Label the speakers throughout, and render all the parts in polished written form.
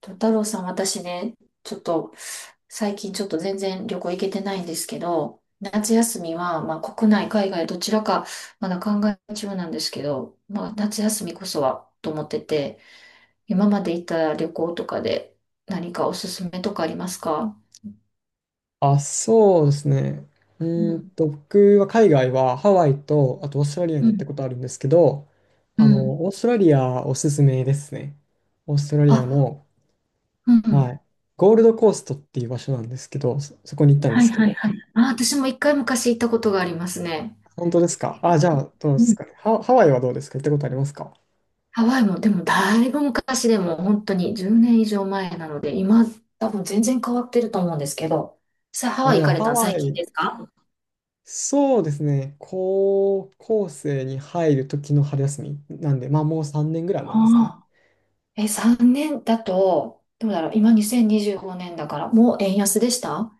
Speaker 1: と、太郎さん、私ね、ちょっと、最近ちょっと全然旅行行けてないんですけど、夏休みは、まあ、国内、海外、どちらか、まだ考え中なんですけど、まあ、夏休みこそは、と思ってて、今まで行った旅行とかで、何かおすすめとかありますか？
Speaker 2: あ、そうですね。
Speaker 1: うん、
Speaker 2: 僕は海外はハワイと、あとオーストラリアに
Speaker 1: う
Speaker 2: 行った
Speaker 1: ん、
Speaker 2: ことあるんですけど、
Speaker 1: う
Speaker 2: あ
Speaker 1: ん。
Speaker 2: の、オーストラリアおすすめですね。オーストラリア
Speaker 1: あ、
Speaker 2: の、
Speaker 1: う
Speaker 2: は
Speaker 1: ん。
Speaker 2: い、ゴールドコーストっていう場所なんですけど、そこに行ったんで
Speaker 1: はい
Speaker 2: すけ
Speaker 1: はい
Speaker 2: ど。
Speaker 1: はい。あ、私も一回昔行ったことがありますね。
Speaker 2: 本当ですかあ、じゃあ、どうですかね。ハワイはどうですか？行ったことありますか？
Speaker 1: ハワイも、でもだいぶ昔でも本当に10年以上前なので、今多分全然変わってると思うんですけど、ハ
Speaker 2: あ、
Speaker 1: ワイ
Speaker 2: じ
Speaker 1: 行
Speaker 2: ゃ
Speaker 1: かれ
Speaker 2: ハ
Speaker 1: たの最
Speaker 2: ワ
Speaker 1: 近
Speaker 2: イ、
Speaker 1: ですか？
Speaker 2: そうですね。高校生に入る時の春休みなんで、まあもう3年ぐらい
Speaker 1: あ
Speaker 2: 前ですね。
Speaker 1: あ。え、3年だと、どうだろう、今2025年だから、もう円安でした？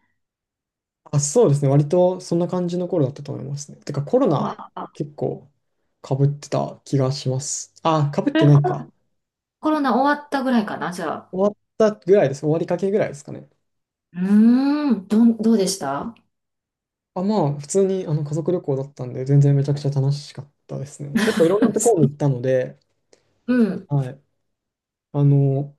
Speaker 2: あ、そうですね。割とそんな感じの頃だったと思いますね。てかコロ
Speaker 1: う
Speaker 2: ナ
Speaker 1: わあ。
Speaker 2: 結構被ってた気がします。あ、被って
Speaker 1: え
Speaker 2: ない
Speaker 1: コ
Speaker 2: か。
Speaker 1: コロナ終わったぐらいかな、じゃあ。
Speaker 2: 終わったぐらいです。終わりかけぐらいですかね。
Speaker 1: うーん、どうでした？
Speaker 2: あ、まあ、普通に家族旅行だったんで、全然めちゃくちゃ楽しかったですね。結構いろんなところに 行ったので、
Speaker 1: うん、
Speaker 2: はい。あの、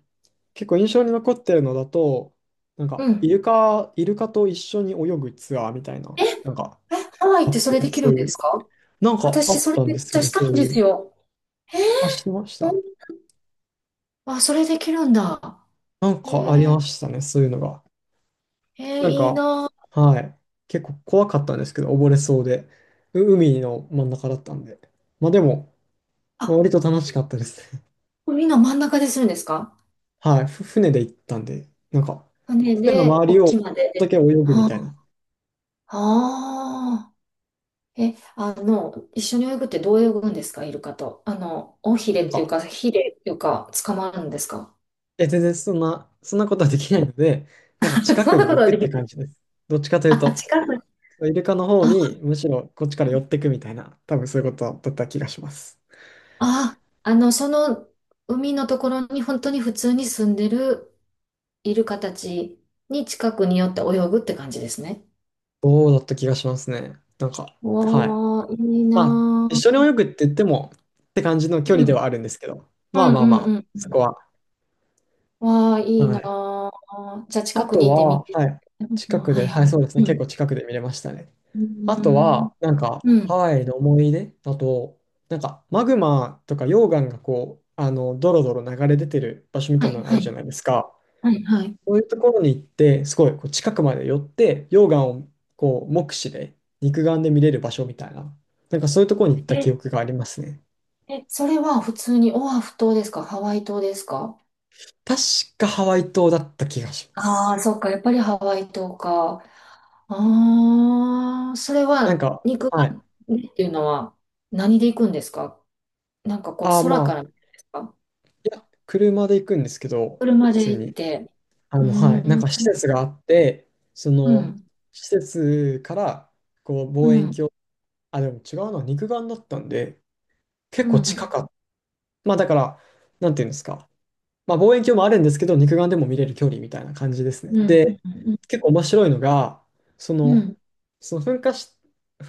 Speaker 2: 結構印象に残ってるのだと、
Speaker 1: うん。
Speaker 2: イルカと一緒に泳ぐツアーみたいな、
Speaker 1: え、え、
Speaker 2: なんか、
Speaker 1: ハワイっ
Speaker 2: あ
Speaker 1: て
Speaker 2: っ
Speaker 1: それ
Speaker 2: て、
Speaker 1: できる
Speaker 2: そ
Speaker 1: ん
Speaker 2: うい
Speaker 1: です
Speaker 2: う、
Speaker 1: か？
Speaker 2: なんかあ
Speaker 1: 私、
Speaker 2: っ
Speaker 1: それ
Speaker 2: たん
Speaker 1: めっ
Speaker 2: です
Speaker 1: ち
Speaker 2: よ
Speaker 1: ゃ
Speaker 2: ね、
Speaker 1: した
Speaker 2: そ
Speaker 1: い
Speaker 2: う
Speaker 1: んで
Speaker 2: い
Speaker 1: す
Speaker 2: う。
Speaker 1: よ。えー
Speaker 2: あ、してまし
Speaker 1: ほ
Speaker 2: た。
Speaker 1: んあ、それできるんだ。
Speaker 2: なん
Speaker 1: へ
Speaker 2: かあり
Speaker 1: え。
Speaker 2: ましたね、そういうのが。なん
Speaker 1: いい
Speaker 2: か、
Speaker 1: なあ。
Speaker 2: はい。結構怖かったんですけど、溺れそうで。海の真ん中だったんで。まあでも、まあ
Speaker 1: あ、
Speaker 2: 割と楽しかったですね。
Speaker 1: これみんな真ん中でするんですか？
Speaker 2: はい。船で行ったんで、
Speaker 1: 船
Speaker 2: 船の
Speaker 1: で、
Speaker 2: 周りを
Speaker 1: 沖まで
Speaker 2: だ
Speaker 1: で。
Speaker 2: け泳ぐみ
Speaker 1: あ
Speaker 2: たいな。
Speaker 1: あー。え、あの、一緒に泳ぐってどう泳ぐんですか、イルカと。尾ひれ
Speaker 2: なん
Speaker 1: っていう
Speaker 2: か、
Speaker 1: か、ひれっていうか、捕まるんですか？
Speaker 2: 全然そんなことはできないので、なんか 近
Speaker 1: そ
Speaker 2: く
Speaker 1: ん
Speaker 2: に
Speaker 1: なこ
Speaker 2: 行
Speaker 1: とは
Speaker 2: く
Speaker 1: で
Speaker 2: っ
Speaker 1: きな
Speaker 2: て
Speaker 1: い。
Speaker 2: 感じです。どっちかという
Speaker 1: あ、
Speaker 2: と、
Speaker 1: 近く。
Speaker 2: イルカの方
Speaker 1: あ、
Speaker 2: にむしろこっちから寄ってくみたいな、多分そういうことだった気がします。
Speaker 1: あ、あ、その海のところに本当に普通に住んでるイルカたちに近くに寄って泳ぐって感じですね。
Speaker 2: そうだった気がしますね。はい。
Speaker 1: わあ、いい
Speaker 2: まあ、
Speaker 1: な
Speaker 2: 一緒に
Speaker 1: あ。
Speaker 2: 泳ぐって言っても、って感じの距
Speaker 1: う
Speaker 2: 離で
Speaker 1: ん、
Speaker 2: はあるんですけど、
Speaker 1: う
Speaker 2: まあ
Speaker 1: ん、
Speaker 2: ま
Speaker 1: う
Speaker 2: あまあ、
Speaker 1: ん、う
Speaker 2: そこ
Speaker 1: ん。
Speaker 2: は。
Speaker 1: わあ、いい
Speaker 2: は
Speaker 1: な
Speaker 2: い。
Speaker 1: あ。じゃあ
Speaker 2: あ
Speaker 1: 近く
Speaker 2: と
Speaker 1: にいてみ
Speaker 2: は、
Speaker 1: て。
Speaker 2: はい。
Speaker 1: うん。
Speaker 2: 近く
Speaker 1: は
Speaker 2: で、
Speaker 1: い
Speaker 2: はい、
Speaker 1: は
Speaker 2: そ
Speaker 1: い。
Speaker 2: うですね。
Speaker 1: う
Speaker 2: 結
Speaker 1: ん。
Speaker 2: 構近くで見れましたね。
Speaker 1: うー
Speaker 2: あと
Speaker 1: ん。
Speaker 2: は、
Speaker 1: う
Speaker 2: ハ
Speaker 1: ん。
Speaker 2: ワイの思い出だと、マグマとか溶岩がこう、ドロドロ流れ出てる場所み
Speaker 1: は
Speaker 2: たい
Speaker 1: い
Speaker 2: なのあ
Speaker 1: は
Speaker 2: るじゃ
Speaker 1: い。
Speaker 2: ないですか。
Speaker 1: はいはい。
Speaker 2: そういうところに行って、すごいこう近くまで寄って、溶岩をこう、目視で、肉眼で見れる場所みたいな、なんかそういうところに行った
Speaker 1: え、
Speaker 2: 記憶がありますね。
Speaker 1: それは普通にオアフ島ですかハワイ島ですか？
Speaker 2: 確かハワイ島だった気がしま
Speaker 1: ああー、
Speaker 2: す。
Speaker 1: そっか。やっぱりハワイ島か。ああ、それは肉
Speaker 2: はい。
Speaker 1: 眼でっていうのは何で行くんですか？なんかこう空
Speaker 2: ま
Speaker 1: か
Speaker 2: あ、
Speaker 1: ら見るんですか？
Speaker 2: いや、車で行くんですけど、
Speaker 1: 車
Speaker 2: 普
Speaker 1: で
Speaker 2: 通
Speaker 1: 行っ
Speaker 2: に。
Speaker 1: て。う
Speaker 2: はい。なん
Speaker 1: ーん。
Speaker 2: か施設があって、そ
Speaker 1: う
Speaker 2: の、
Speaker 1: ん。
Speaker 2: 施設から、こう、
Speaker 1: う
Speaker 2: 望遠
Speaker 1: ん。
Speaker 2: 鏡、あ、でも違うな、肉眼だったんで、
Speaker 1: う
Speaker 2: 結構
Speaker 1: ん。う
Speaker 2: 近か
Speaker 1: ん。
Speaker 2: った。まあ、だから、なんていうんですか。まあ、望遠鏡もあるんですけど、肉眼でも見れる距離みたいな感じですね。
Speaker 1: うん。
Speaker 2: で、
Speaker 1: うん。
Speaker 2: 結構面白いのが、そ
Speaker 1: う
Speaker 2: の、
Speaker 1: ん。
Speaker 2: その噴火し、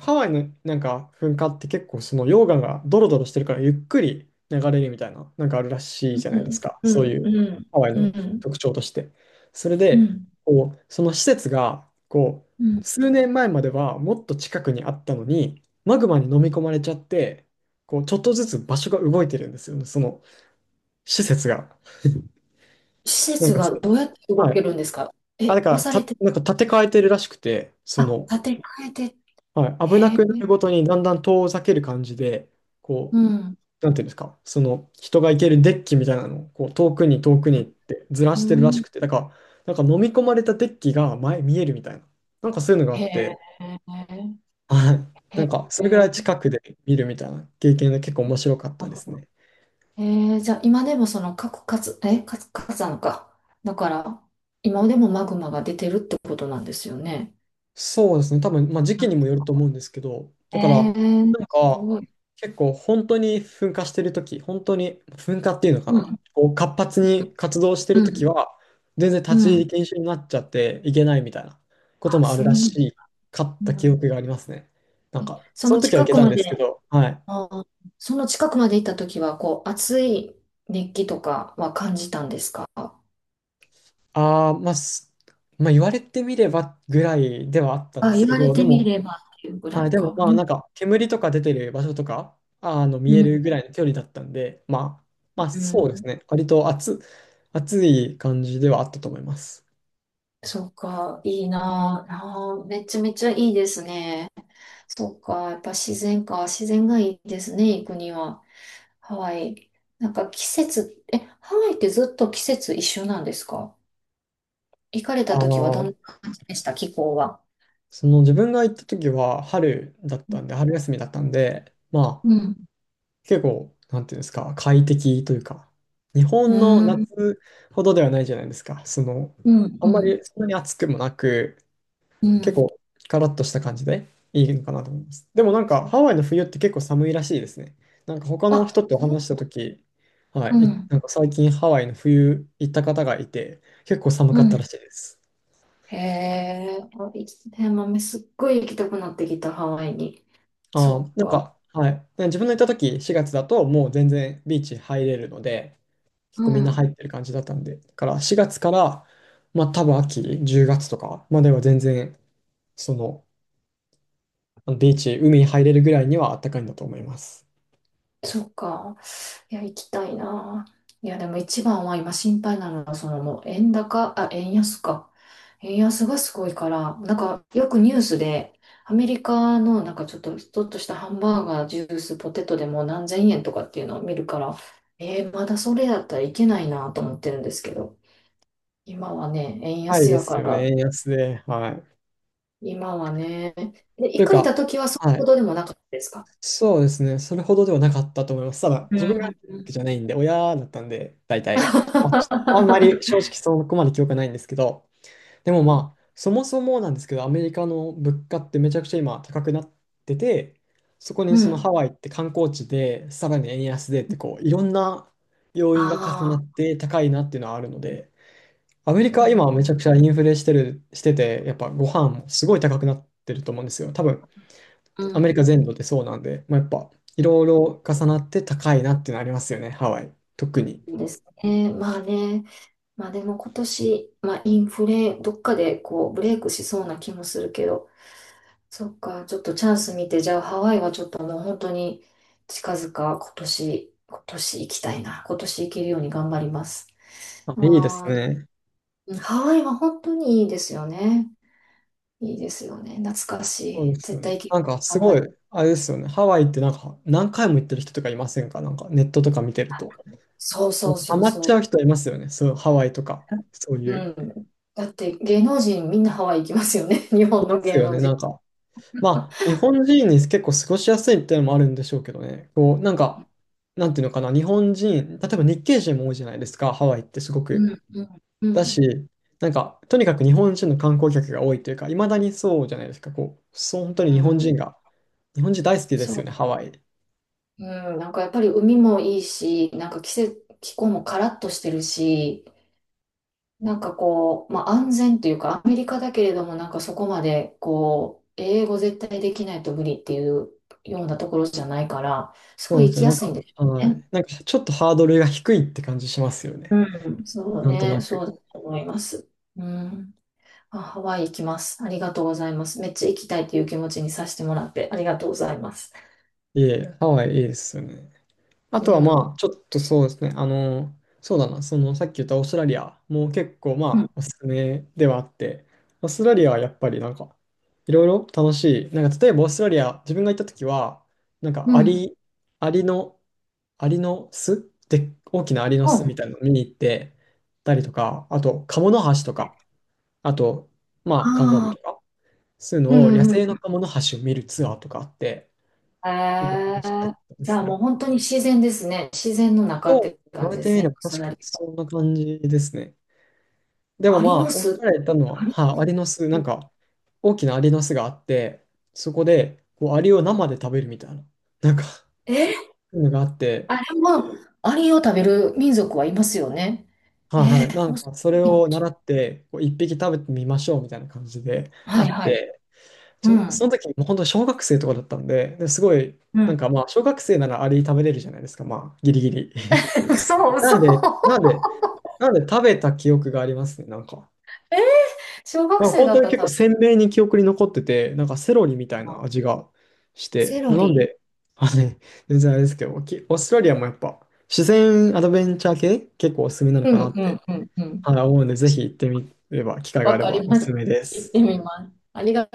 Speaker 2: ハワイのなんか噴火って結構その溶岩がドロドロしてるからゆっくり流れるみたいな、なんかあるらしい
Speaker 1: う
Speaker 2: じゃないです
Speaker 1: ん、
Speaker 2: か。
Speaker 1: う
Speaker 2: そうい
Speaker 1: ん、
Speaker 2: う
Speaker 1: うん、
Speaker 2: ハワイ
Speaker 1: う
Speaker 2: の
Speaker 1: ん、
Speaker 2: 特徴として。それ
Speaker 1: う
Speaker 2: で、
Speaker 1: ん、
Speaker 2: こう、その施設が、こ
Speaker 1: う
Speaker 2: う、
Speaker 1: ん。
Speaker 2: 数年前まではもっと近くにあったのに、マグマに飲み込まれちゃって、こう、ちょっとずつ場所が動いてるんですよね、その施設が。
Speaker 1: 施
Speaker 2: なん
Speaker 1: 設
Speaker 2: か
Speaker 1: が
Speaker 2: そ
Speaker 1: どうやって動
Speaker 2: は
Speaker 1: け
Speaker 2: い。
Speaker 1: るんですか？
Speaker 2: あ、だ
Speaker 1: え、
Speaker 2: か
Speaker 1: 押
Speaker 2: ら、
Speaker 1: されて、
Speaker 2: なんか立て替えてるらしくて、そ
Speaker 1: あ、
Speaker 2: の、
Speaker 1: 建て替えて、
Speaker 2: はい、危な
Speaker 1: へえ、
Speaker 2: くなるごとにだんだん遠ざける感じで、こ
Speaker 1: うん、
Speaker 2: う、なんていうんですか、その人が行けるデッキみたいなのをこう遠くに遠くにってずら
Speaker 1: う
Speaker 2: してるらし
Speaker 1: ん、
Speaker 2: くて、だから、なんか飲み込まれたデッキが前見えるみたいな、なんかそういうのがあ
Speaker 1: へ
Speaker 2: っ
Speaker 1: え、
Speaker 2: て、はい、
Speaker 1: へ
Speaker 2: なんかそれぐらい
Speaker 1: え、
Speaker 2: 近くで見るみたいな経験で結構面白かっ
Speaker 1: な
Speaker 2: た
Speaker 1: る
Speaker 2: です
Speaker 1: ほど。
Speaker 2: ね。
Speaker 1: へ。じゃあ今でもその核活、え、活火山か。だから、今でもマグマが出てるってことなんですよね。
Speaker 2: そうですね。多分、まあ、時
Speaker 1: う
Speaker 2: 期
Speaker 1: ん。
Speaker 2: にもよると思うんですけど、だ
Speaker 1: え
Speaker 2: から、
Speaker 1: ー、
Speaker 2: なん
Speaker 1: す
Speaker 2: か、
Speaker 1: ごい。
Speaker 2: 結構本当に噴火してるとき、本当に噴火っていうのか
Speaker 1: う
Speaker 2: な、
Speaker 1: ん、
Speaker 2: こう活発に活動して
Speaker 1: う
Speaker 2: るとき
Speaker 1: ん、
Speaker 2: は、全然立ち
Speaker 1: う
Speaker 2: 入り
Speaker 1: ん。
Speaker 2: 禁止になっちゃっていけないみたいなこと
Speaker 1: あ、
Speaker 2: もある
Speaker 1: そう
Speaker 2: ら
Speaker 1: なん、
Speaker 2: しかっ
Speaker 1: う
Speaker 2: た記
Speaker 1: ん。
Speaker 2: 憶がありますね。
Speaker 1: そ
Speaker 2: その
Speaker 1: の
Speaker 2: 時はい
Speaker 1: 近
Speaker 2: け
Speaker 1: く
Speaker 2: たん
Speaker 1: ま
Speaker 2: ですけ
Speaker 1: で。
Speaker 2: ど、はい。
Speaker 1: あー。その近くまで行った時は、こう、熱気とかは感じたんですか？
Speaker 2: ああ、まあ、すまあ、言われてみればぐらいではあったんで
Speaker 1: あ、
Speaker 2: す
Speaker 1: 言
Speaker 2: け
Speaker 1: われ
Speaker 2: ど、で
Speaker 1: てみ
Speaker 2: も、
Speaker 1: ればっていうぐら
Speaker 2: はい、
Speaker 1: い
Speaker 2: で
Speaker 1: か。
Speaker 2: もま
Speaker 1: う
Speaker 2: あ
Speaker 1: ん、
Speaker 2: なんか煙とか出てる場所とかあの
Speaker 1: う
Speaker 2: 見える
Speaker 1: ん、
Speaker 2: ぐらいの距離だったんで、まあ、まあ
Speaker 1: う
Speaker 2: そうです
Speaker 1: ん。
Speaker 2: ね、割と暑、暑い感じではあったと思います。
Speaker 1: そうか、いいなあ。めちゃめちゃいいですね。そうか、やっぱ自然か。自然がいいですね、行くには。ハワイ。なんか季節、え、ハワイってずっと季節一緒なんですか？行かれ
Speaker 2: あ
Speaker 1: た時はどん
Speaker 2: ー、
Speaker 1: な感じでした、気候は。
Speaker 2: その自分が行った時は春だったんで、春休みだったんで、まあ
Speaker 1: うん。
Speaker 2: 結構、なんていうんですか、快適というか、日
Speaker 1: う
Speaker 2: 本の
Speaker 1: ん。
Speaker 2: 夏ほどではないじゃないですか、その、
Speaker 1: うん。
Speaker 2: あ
Speaker 1: う
Speaker 2: んま
Speaker 1: ん。
Speaker 2: りそんなに暑くもなく、
Speaker 1: う
Speaker 2: 結
Speaker 1: ん。
Speaker 2: 構カラッとした感じでいいのかなと思います。でもなんか
Speaker 1: そう。
Speaker 2: ハワイの冬って結構寒いらしいですね。なんか他の
Speaker 1: あ、
Speaker 2: 人と話した時、は
Speaker 1: う
Speaker 2: い、
Speaker 1: ん、
Speaker 2: なんか最近ハワイの冬行った方がいて、結構寒
Speaker 1: う
Speaker 2: かった
Speaker 1: ん。
Speaker 2: らしいです。
Speaker 1: へえ、あ、いいですね。豆すっごい行きたくなってきた、ハワイに。そ
Speaker 2: あ
Speaker 1: っ
Speaker 2: ー、
Speaker 1: か。
Speaker 2: はい、自分の行った時4月だともう全然ビーチ入れるので、結
Speaker 1: う
Speaker 2: 構みんな
Speaker 1: ん、
Speaker 2: 入ってる感じだったんで、だから4月から、まあ多分秋、10月とかまでは全然、その、ビーチ、海に入れるぐらいには暖かいんだと思います。
Speaker 1: そっか。いや、行きたいな。いや、でも一番は今心配なのは、そのもう円高、あ、円安か。円安がすごいから、なんかよくニュースで、アメリカのなんかちょっとしたハンバーガー、ジュース、ポテトでも何千円とかっていうのを見るから、まだそれだったらいけないなと思ってるんですけど。今はね、円
Speaker 2: はい
Speaker 1: 安
Speaker 2: で
Speaker 1: やか
Speaker 2: すよ
Speaker 1: ら、
Speaker 2: ね、円安で。はい。
Speaker 1: 今はね、で、
Speaker 2: と
Speaker 1: 行
Speaker 2: いう
Speaker 1: かれた
Speaker 2: か、
Speaker 1: 時はそれ
Speaker 2: は
Speaker 1: ほ
Speaker 2: い。
Speaker 1: どでもなかったですか？
Speaker 2: そうですね、それほどではなかったと思います。ただ、
Speaker 1: う
Speaker 2: 自分が入ったわけ
Speaker 1: ん。
Speaker 2: じゃないんで、親だったんで、大体。まあ、ちあんまり正 直そこまで記憶はないんですけど、でもまあ、そもそもなんですけど、アメリカの物価ってめちゃくちゃ今高くなってて、そこに
Speaker 1: う
Speaker 2: その
Speaker 1: ん。
Speaker 2: ハワイって観光地で、さらに円安でってこう、いろんな要因
Speaker 1: あ
Speaker 2: が重なっ
Speaker 1: あ、
Speaker 2: て高いなっていうのはあるので、アメリカ
Speaker 1: う
Speaker 2: は今
Speaker 1: ん、
Speaker 2: めちゃくちゃインフレしてる、してて、やっぱご飯もすごい高くなってると思うんですよ。多分、
Speaker 1: う
Speaker 2: アメリカ
Speaker 1: ん。
Speaker 2: 全土でそうなんで、まあ、やっぱいろいろ重なって高いなっていうのありますよね、ハワイ。特に。
Speaker 1: そうですね。まあね。まあでも今年、まあインフレ、どっかでこうブレイクしそうな気もするけど、そっか、ちょっとチャンス見て、じゃあハワイはちょっともう本当に近々今年行きたいな。今年行けるように頑張ります。
Speaker 2: あ、いいです
Speaker 1: ああ。
Speaker 2: ね。
Speaker 1: うん。ハワイは本当にいいですよね。いいですよね。懐かし
Speaker 2: そう
Speaker 1: い。
Speaker 2: ですよ
Speaker 1: 絶
Speaker 2: ね。
Speaker 1: 対行け
Speaker 2: な
Speaker 1: る
Speaker 2: ん
Speaker 1: よ
Speaker 2: か
Speaker 1: うに
Speaker 2: す
Speaker 1: 頑張
Speaker 2: ごい、
Speaker 1: り。
Speaker 2: あれですよね。ハワイってなんか何回も行ってる人とかいませんか？なんかネットとか見てると。
Speaker 1: そう
Speaker 2: も
Speaker 1: そ
Speaker 2: う
Speaker 1: う
Speaker 2: ハ
Speaker 1: そう
Speaker 2: マっちゃ
Speaker 1: そ
Speaker 2: う人いますよね。そう、ハワイとか。そう
Speaker 1: う。
Speaker 2: い
Speaker 1: う
Speaker 2: う。
Speaker 1: ん。だって芸能人みんなハワイ行きますよね。日
Speaker 2: い
Speaker 1: 本
Speaker 2: ま
Speaker 1: の
Speaker 2: す
Speaker 1: 芸
Speaker 2: よ
Speaker 1: 能
Speaker 2: ね。
Speaker 1: 人。
Speaker 2: なんかまあ、日本人に結構過ごしやすいっていうのもあるんでしょうけどね。こう、なんていうのかな、日本人、例えば日系人も多いじゃないですか、ハワイってすご
Speaker 1: う
Speaker 2: く。
Speaker 1: ん、うん、う
Speaker 2: だし、
Speaker 1: ん、
Speaker 2: とにかく日本人の観光客が多いというか、いまだにそうじゃないですか、こう、そう、本当に日
Speaker 1: う
Speaker 2: 本
Speaker 1: ん。
Speaker 2: 人が、日本人大好きで
Speaker 1: そ
Speaker 2: すよ
Speaker 1: う。
Speaker 2: ね、ハワイ。
Speaker 1: うん。なんかやっぱり海もいいし、なんか気候もカラッとしてるし、なんかこう、まあ、安全というか、アメリカだけれども、なんかそこまで、こう、英語絶対できないと無理っていうようなところじゃないから、す
Speaker 2: そ
Speaker 1: ご
Speaker 2: う
Speaker 1: い
Speaker 2: で
Speaker 1: 行
Speaker 2: すよ
Speaker 1: き
Speaker 2: ね、
Speaker 1: やすいんでしょう
Speaker 2: は
Speaker 1: ね。
Speaker 2: い。ちょっとハードルが低いって感じしますよね。
Speaker 1: うん。そう
Speaker 2: なんと
Speaker 1: ね、
Speaker 2: な
Speaker 1: そ
Speaker 2: く。
Speaker 1: うだと思います。うん。あ、ハワイ行きます。ありがとうございます。めっちゃ行きたいっていう気持ちにさせてもらって、ありがとうございます。
Speaker 2: いえ、ハワイいいですよね。あ
Speaker 1: う
Speaker 2: とはま
Speaker 1: ん。
Speaker 2: あ、ちょっとそうですね。そうだな、そのさっき言ったオーストラリアも結構
Speaker 1: う
Speaker 2: ま
Speaker 1: ん。
Speaker 2: あ、おすすめではあって、オーストラリアはやっぱりいろいろ楽しい。なんか例えばオーストラリア、自分が行った時は、なん
Speaker 1: う
Speaker 2: かア
Speaker 1: ん。
Speaker 2: リ、アリの、アリの巣で、大きなアリの巣み
Speaker 1: 本。
Speaker 2: たいなの見に行ってたりとか、あと、カモノハシとか、あと、まあ、カンガルー
Speaker 1: あ
Speaker 2: と
Speaker 1: あ、
Speaker 2: か、そういう
Speaker 1: う
Speaker 2: のを野
Speaker 1: んう
Speaker 2: 生
Speaker 1: ん。
Speaker 2: のカモノハシを見るツアーとかあって、
Speaker 1: へ
Speaker 2: 結構楽
Speaker 1: え。
Speaker 2: しかったで
Speaker 1: じゃあ
Speaker 2: す
Speaker 1: も
Speaker 2: ね。
Speaker 1: う本当に自然ですね。自然の中っ
Speaker 2: そう、
Speaker 1: て
Speaker 2: 言わ
Speaker 1: 感
Speaker 2: れ
Speaker 1: じで
Speaker 2: て
Speaker 1: す
Speaker 2: みれ
Speaker 1: ね。
Speaker 2: ば
Speaker 1: 草
Speaker 2: 確
Speaker 1: だ
Speaker 2: かに
Speaker 1: らけ。
Speaker 2: そんな感じですね。でも
Speaker 1: ア
Speaker 2: ま
Speaker 1: リ
Speaker 2: あ、
Speaker 1: の
Speaker 2: おっし
Speaker 1: 巣、
Speaker 2: ゃられたの
Speaker 1: ア
Speaker 2: は、
Speaker 1: リ、
Speaker 2: はい、アリの巣、大きなアリの巣があって、そこで、こう、アリを生で食べるみたいな、なんか、そ
Speaker 1: え。
Speaker 2: ういうのがあっ
Speaker 1: あ
Speaker 2: て、
Speaker 1: れもアリを食べる民族はいますよね。
Speaker 2: はい
Speaker 1: え
Speaker 2: は
Speaker 1: ー、
Speaker 2: い、
Speaker 1: オースト
Speaker 2: そ
Speaker 1: ラ
Speaker 2: れ
Speaker 1: リアも
Speaker 2: を
Speaker 1: そう。
Speaker 2: 習って、こう、一匹食べてみましょうみたいな感じであ
Speaker 1: はい
Speaker 2: っ
Speaker 1: はい。
Speaker 2: て、
Speaker 1: う
Speaker 2: そ
Speaker 1: ん。
Speaker 2: の時、もう本当小学生とかだったんで、ですごい、
Speaker 1: う
Speaker 2: な
Speaker 1: ん。
Speaker 2: んかまあ、小学生ならアリ食べれるじゃないですか、まあ、ギリギリ。
Speaker 1: そう、
Speaker 2: な
Speaker 1: そう。
Speaker 2: んで、なんで、なんで食べた記憶がありますね、なんか。
Speaker 1: えー、小学
Speaker 2: まあ
Speaker 1: 生
Speaker 2: 本
Speaker 1: だ
Speaker 2: 当
Speaker 1: っ
Speaker 2: に
Speaker 1: たら
Speaker 2: 結構
Speaker 1: 食
Speaker 2: 鮮明に記憶に残ってて、なんかセロリ
Speaker 1: べ
Speaker 2: みたい
Speaker 1: た
Speaker 2: な
Speaker 1: の。
Speaker 2: 味がし
Speaker 1: セ
Speaker 2: て、ま
Speaker 1: ロ
Speaker 2: あ、なん
Speaker 1: リ。
Speaker 2: で、あね、全然あれですけど、オーストラリアもやっぱ自然アドベンチャー系結構おすすめなの
Speaker 1: う
Speaker 2: かな
Speaker 1: ん、
Speaker 2: っ
Speaker 1: う
Speaker 2: て、
Speaker 1: ん、うん、うん。
Speaker 2: はい、思うんで、ぜひ行ってみれば、機会があ
Speaker 1: わ
Speaker 2: れ
Speaker 1: か
Speaker 2: ば
Speaker 1: り
Speaker 2: お
Speaker 1: ま
Speaker 2: すす
Speaker 1: す。
Speaker 2: めで
Speaker 1: 行って
Speaker 2: す。
Speaker 1: みます。ありが